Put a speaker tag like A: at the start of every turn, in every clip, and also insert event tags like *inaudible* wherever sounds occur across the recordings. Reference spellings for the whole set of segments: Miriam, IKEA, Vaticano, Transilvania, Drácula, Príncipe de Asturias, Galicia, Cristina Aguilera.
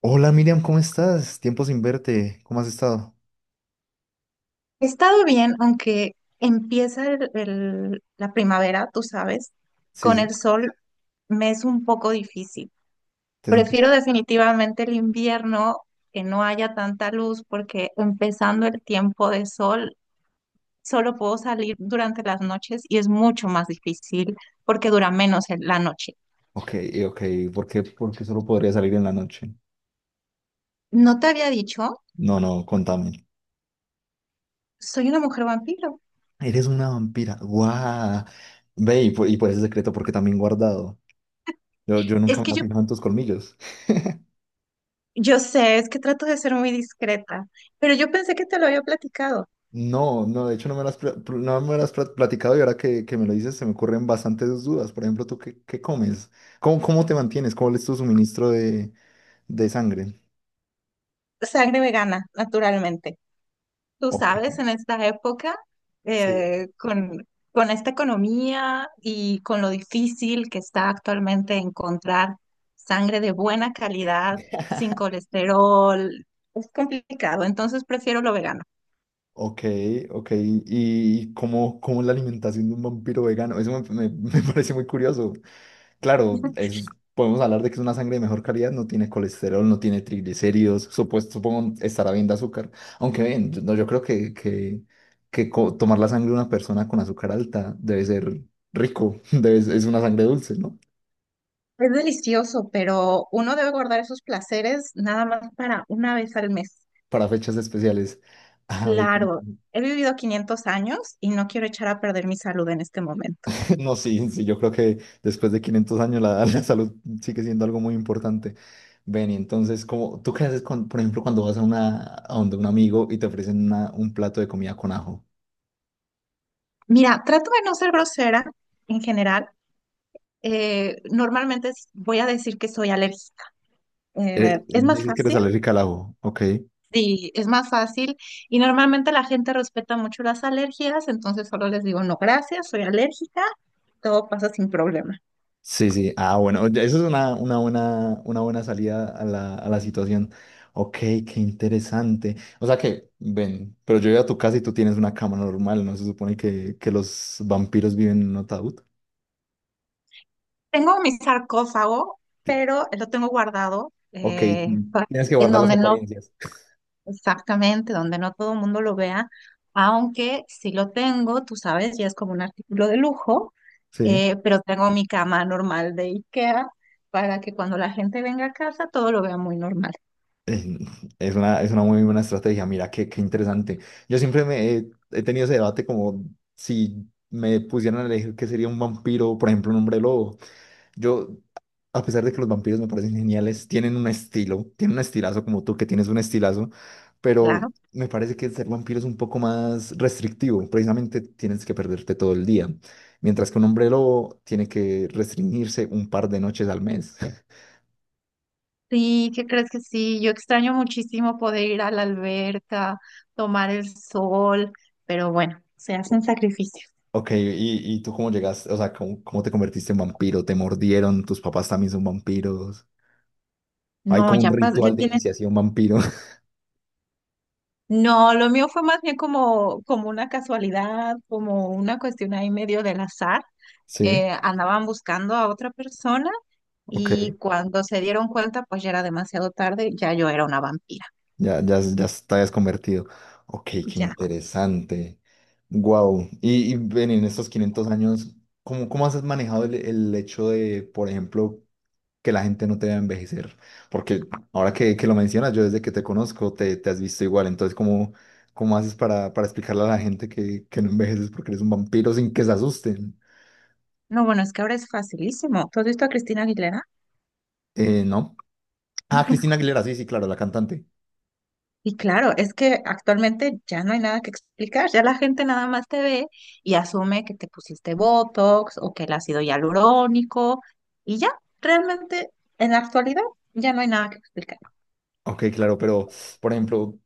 A: Hola Miriam, ¿cómo estás? Tiempo sin verte. ¿Cómo has estado?
B: He estado bien, aunque empieza la primavera, tú sabes,
A: Sí,
B: con
A: sí.
B: el sol me es un poco difícil.
A: Te es un poco-
B: Prefiero definitivamente el invierno, que no haya tanta luz, porque empezando el tiempo de sol, solo puedo salir durante las noches y es mucho más difícil porque dura menos la noche.
A: Ok, ok. ¿Por qué? Porque solo podría salir en la noche.
B: ¿No te había dicho?
A: No, no, contame.
B: Soy una mujer vampiro.
A: Eres una vampira. ¡Guau! Ve, y pues ese secreto, porque también guardado. Yo
B: Es
A: nunca
B: que
A: me he fijado en tus colmillos.
B: yo sé, es que trato de ser muy discreta, pero yo pensé que te lo había platicado.
A: No, no, de hecho no me lo has, no me lo has platicado y ahora que me lo dices se me ocurren bastantes dudas. Por ejemplo, ¿tú qué comes? ¿Cómo te mantienes? ¿Cómo es tu suministro de sangre?
B: Sangre vegana, naturalmente. Tú
A: Ok.
B: sabes, en esta época,
A: Sí.
B: eh, con, con esta economía y con lo difícil que está actualmente encontrar sangre de buena calidad, sin colesterol, es complicado, entonces prefiero lo vegano.
A: Ok, ok. ¿Y cómo es la alimentación de un vampiro vegano? Eso *laughs* me parece muy curioso. Claro, es, podemos hablar de que es una sangre de mejor calidad, no tiene colesterol, no tiene triglicéridos, supuesto, supongo estará bien de azúcar. Aunque bien, no, yo creo que tomar la sangre de una persona con azúcar alta debe ser rico, *laughs* debe, es una sangre dulce, ¿no?
B: Es delicioso, pero uno debe guardar esos placeres nada más para una vez al mes.
A: Para fechas especiales. Ah, ve que-
B: Claro, he vivido 500 años y no quiero echar a perder mi salud en este momento.
A: No, sí, sí, yo creo que después de 500 años la, *laughs* la salud sigue siendo algo muy importante. Ven, y entonces, como, ¿tú qué haces con, por ejemplo, cuando vas a una, a donde un amigo y te ofrecen un plato de comida con ajo?
B: Mira, trato de no ser grosera en general, normalmente voy a decir que soy alérgica. Es más
A: Dices que eres
B: fácil,
A: alérgica al ajo, ¿ok?
B: sí, es más fácil. Y normalmente la gente respeta mucho las alergias, entonces solo les digo, no, gracias, soy alérgica, todo pasa sin problema.
A: Sí, sí, ah, bueno, ya eso es una buena salida a a la situación. Ok, qué interesante. O sea que, ven, pero yo voy a tu casa y tú tienes una cama normal, ¿no? Se supone que los vampiros viven en un ataúd.
B: Tengo mi sarcófago, pero lo tengo guardado,
A: Ok,
B: pa-
A: tienes que
B: en
A: guardar las
B: donde no
A: apariencias.
B: Exactamente, donde no todo el mundo lo vea, aunque si lo tengo, tú sabes, ya es como un artículo de lujo,
A: Sí,
B: pero tengo mi cama normal de IKEA para que cuando la gente venga a casa todo lo vea muy normal,
A: eh, es una muy buena estrategia. Mira, qué interesante. Yo siempre he tenido ese debate como si me pusieran a elegir qué sería un vampiro, por ejemplo, un hombre lobo. Yo, a pesar de que los vampiros me parecen geniales, tienen un estilo, tienen un estilazo como tú que tienes un estilazo, pero
B: claro.
A: me parece que ser vampiro es un poco más restrictivo. Precisamente tienes que perderte todo el día, mientras que un hombre lobo tiene que restringirse un par de noches al mes.
B: Sí, ¿qué crees que sí? Yo extraño muchísimo poder ir a la alberca, tomar el sol, pero bueno, se hacen
A: *laughs*
B: sacrificios.
A: Ok, y tú cómo llegaste? O sea, cómo te convertiste en vampiro? ¿Te mordieron? ¿Tus papás también son vampiros? Hay
B: No,
A: como un
B: ya
A: ritual de
B: tienen.
A: iniciación vampiro. *laughs*
B: No, lo mío fue más bien como una casualidad, como una cuestión ahí medio del azar.
A: Sí,
B: Eh, andaban buscando a otra persona
A: ok.
B: y cuando se dieron cuenta, pues ya era demasiado tarde, ya yo era una vampira.
A: Ya, ya, ya te habías convertido. Ok, qué
B: Ya.
A: interesante. Wow. Y ven, en estos 500 años, cómo has manejado el hecho de, por ejemplo, que la gente no te vea envejecer. Porque ahora que lo mencionas, yo desde que te conozco te has visto igual. Entonces, ¿cómo, cómo haces para explicarle a la gente que no envejeces porque eres un vampiro sin que se asusten?
B: No, bueno, es que ahora es facilísimo. ¿Tú has visto a Cristina Aguilera?
A: ¿No? Ah, Cristina
B: *laughs*
A: Aguilera, sí, sí, claro, la cantante.
B: Y claro, es que actualmente ya no hay nada que explicar, ya la gente nada más te ve y asume que te pusiste Botox o que el ácido hialurónico, y ya, realmente en la actualidad ya no hay nada que explicar.
A: Ok, claro, pero, por ejemplo,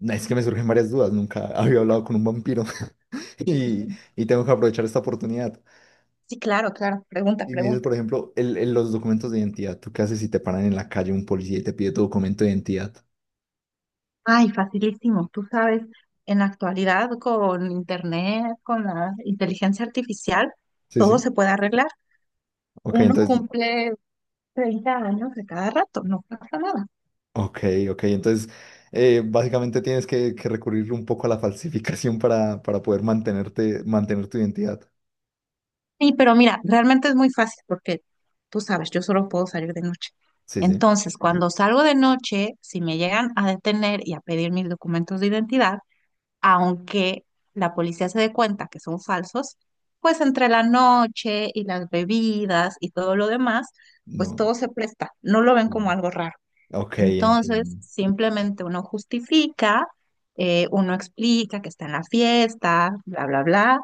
A: es que me surgen varias dudas. Nunca *laughs* había hablado con un vampiro *laughs* y, y tengo que aprovechar esta oportunidad.
B: Sí, claro, claro, pregunta,
A: Y me dices,
B: pregunta.
A: por ejemplo, los documentos de identidad. ¿Tú qué haces si te paran en la calle un policía y te pide tu documento de identidad?
B: Ay, facilísimo. Tú sabes, en la actualidad con internet, con la inteligencia artificial,
A: Sí,
B: todo
A: sí.
B: se puede arreglar.
A: Ok,
B: Uno
A: entonces
B: cumple 30 años de cada rato, no pasa nada.
A: Ok, ok. Entonces, básicamente tienes que recurrir un poco a la falsificación para poder mantenerte, mantener tu identidad.
B: Sí, pero mira, realmente es muy fácil porque tú sabes, yo solo puedo salir de noche.
A: Sí, sí.
B: Entonces, cuando salgo de noche, si me llegan a detener y a pedir mis documentos de identidad, aunque la policía se dé cuenta que son falsos, pues entre la noche y las bebidas y todo lo demás, pues
A: No.
B: todo se presta, no lo ven como
A: Mm.
B: algo raro.
A: Ok,
B: Entonces,
A: entiendo.
B: simplemente uno justifica, uno explica que está en la fiesta, bla, bla, bla,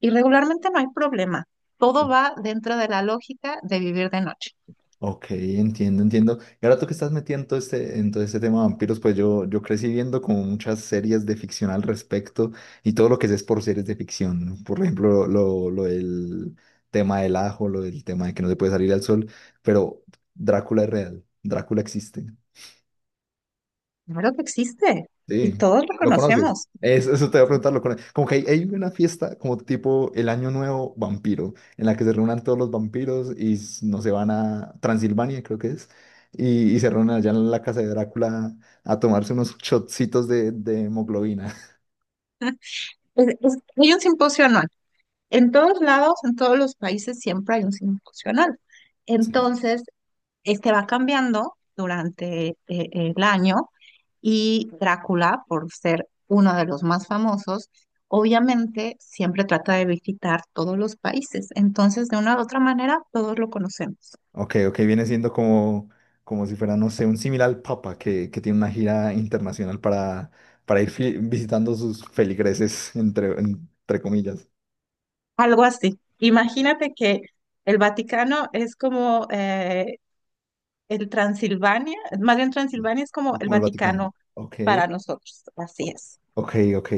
B: y regularmente no hay problema. Todo va dentro de la lógica de vivir de noche.
A: Ok, entiendo, entiendo. Y ahora tú que estás metido en en todo este tema de vampiros, pues yo crecí viendo como muchas series de ficción al respecto y todo lo que sé es por series de ficción. ¿No? Por ejemplo, lo del tema del ajo, lo del tema de que no se puede salir al sol, pero Drácula es real, Drácula existe.
B: Claro que existe y
A: Sí,
B: todos lo
A: ¿lo conoces?
B: conocemos.
A: Eso, te voy a preguntar, ¿lo conoces? Como que hay una fiesta como tipo el Año Nuevo Vampiro, en la que se reúnen todos los vampiros y no se van a Transilvania, creo que es, y se reúnen allá en la casa de Drácula a tomarse unos shotcitos de hemoglobina. *laughs*
B: Es- hay un simposio anual. En todos lados, en todos los países, siempre hay un signo funcional.
A: Sí.
B: Entonces, este va cambiando durante el año, y Drácula, por ser uno de los más famosos, obviamente siempre trata de visitar todos los países. Entonces, de una u otra manera, todos lo conocemos.
A: Ok, ok, viene siendo como, como si fuera, no sé, un similar al Papa que tiene una gira internacional para ir visitando sus feligreses, entre, entre comillas.
B: Algo así. Imagínate que el Vaticano es como El Transilvania, más bien
A: Sí,
B: Transilvania es como
A: es
B: el
A: como el Vaticano.
B: Vaticano
A: Ok.
B: para nosotros, así es.
A: Ok, ok,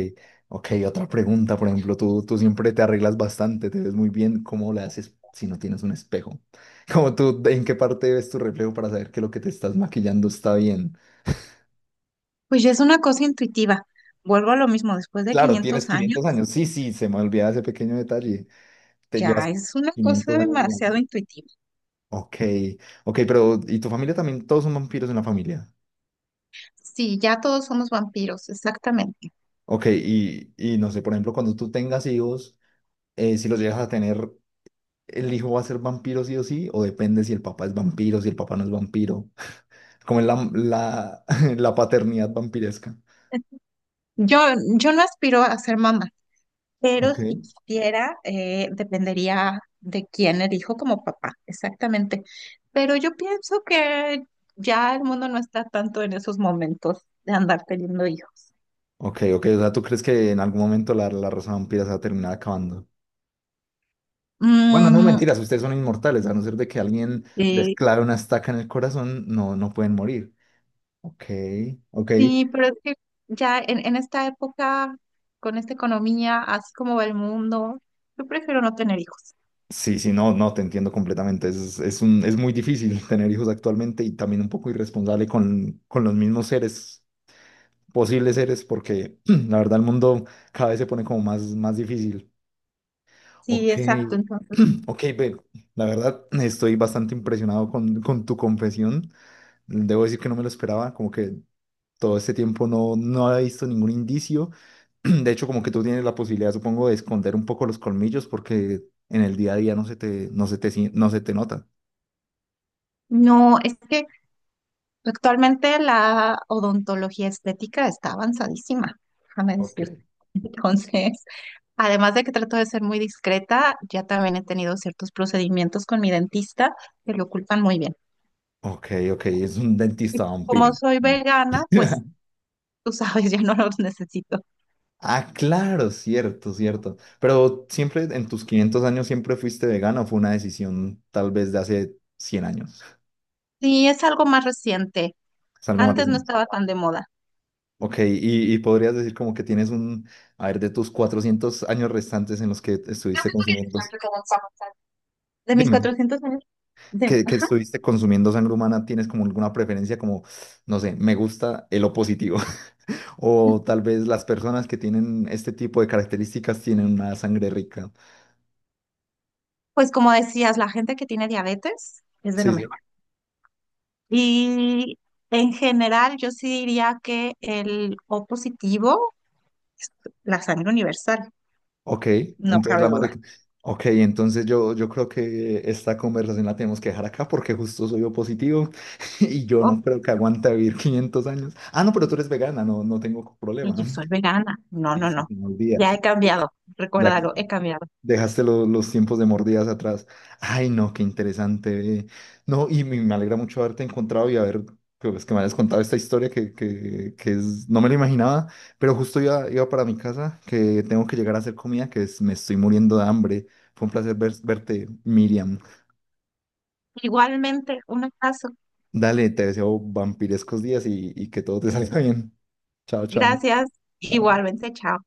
A: ok. Otra pregunta, por ejemplo, tú siempre te arreglas bastante, te ves muy bien. ¿Cómo le haces si no tienes un espejo? *laughs* Como tú, ¿en qué parte ves tu reflejo para saber que lo que te estás maquillando está bien?
B: Pues ya es una cosa intuitiva. Vuelvo a lo mismo, después de
A: Claro, tienes
B: 500 años,
A: 500 años. Sí, sí, se me olvidaba ese pequeño detalle. Te llevas
B: ya es una cosa
A: 500 años en la
B: demasiado
A: vida.
B: intuitiva.
A: Ok, ok, pero ¿y tu familia también? Todos son vampiros en la familia.
B: Sí, ya todos somos vampiros, exactamente.
A: Ok, y no sé, por ejemplo, cuando tú tengas hijos, si los llegas a tener, el hijo va a ser vampiro sí o sí, o depende si el papá es vampiro, si el papá no es vampiro, como es *laughs* la paternidad vampiresca.
B: Yo, yo no aspiro a ser mamá, pero
A: Ok.
B: si quisiera, dependería de quién elijo como papá, exactamente. Pero yo pienso que ya el mundo no está tanto en esos momentos de andar teniendo hijos.
A: Ok, ok, o sea, ¿tú crees que en algún momento la raza vampira se va a terminar acabando? Bueno, no
B: Mm,
A: mentiras, ustedes son inmortales, a no ser de que alguien les
B: eh,
A: clave una estaca en el corazón, no, no pueden morir. Ok, ok.
B: sí, pero es que ya en esta época, con esta economía, así como va el mundo, yo prefiero no tener hijos.
A: Sí, sí, no, no, te entiendo completamente. Es muy difícil *laughs* tener hijos actualmente y también un poco irresponsable con los mismos seres posibles seres porque *clears throat* la verdad el mundo cada vez se pone como más, más difícil.
B: Sí,
A: Ok,
B: exacto. Entonces,
A: *clears throat* ok, ve, la verdad estoy bastante impresionado con tu confesión. Debo decir que no me lo esperaba, como que todo este tiempo no, no había visto ningún indicio. *clears throat* De hecho, como que tú tienes la posibilidad, supongo, de esconder un poco los colmillos porque en el día a día no se te, no se te nota.
B: no, es que actualmente la odontología estética está avanzadísima, déjame
A: Ok.
B: decirte. *laughs* Entonces, además de que trato de ser muy discreta, ya también he tenido ciertos procedimientos con mi dentista que lo ocultan muy bien.
A: Ok, ok, es un
B: Y
A: dentista vampiro.
B: como soy vegana, pues
A: *laughs*
B: tú sabes, *laughs* ya no los necesito.
A: Ah, claro, cierto, cierto. Pero siempre en tus 500 años siempre fuiste vegano, ¿o fue una decisión tal vez de hace 100 años?
B: Sí, es algo más reciente.
A: Es algo más
B: Antes no
A: reciente.
B: estaba tan de moda.
A: Ok, y podrías decir como que tienes un, a ver, de tus 400 años restantes en los que estuviste consumiendo,
B: ¿Cuánto queda en sábado? De mis
A: dime,
B: 400 años, de-
A: que
B: ajá.
A: estuviste consumiendo sangre humana, ¿tienes como alguna preferencia como, no sé, me gusta el O positivo? *laughs* O tal vez las personas que tienen este tipo de características tienen una sangre rica.
B: Pues como decías, la gente que tiene diabetes es de lo
A: Sí Sí,
B: mejor. Y en general, yo sí diría que el O positivo es la sangre universal,
A: Ok,
B: no
A: entonces
B: cabe
A: la madre...
B: duda.
A: Ok, entonces yo creo que esta conversación la tenemos que dejar acá porque justo soy yo positivo *laughs* y yo
B: Oh,
A: no creo que aguante vivir *laughs* 500 años. Ah, no, pero tú eres vegana, no, no tengo
B: y
A: problema.
B: yo soy
A: *laughs*
B: vegana. No,
A: Sí,
B: no,
A: sí,
B: no.
A: se me olvida.
B: Ya he cambiado,
A: Ya
B: recuérdalo, he cambiado.
A: Dejaste los tiempos de mordidas atrás. Ay, no, qué interesante. Ve. No, y me alegra mucho haberte encontrado y haber, pues, que me hayas contado esta historia que es, no me lo imaginaba, pero justo iba, iba para mi casa, que tengo que llegar a hacer comida, me estoy muriendo de hambre. Fue un placer verte, Miriam.
B: Igualmente, un abrazo.
A: Dale, te deseo vampirescos días y que todo te *laughs* salga bien. Chao, chao.
B: Gracias.
A: Chao.
B: Igualmente, chao.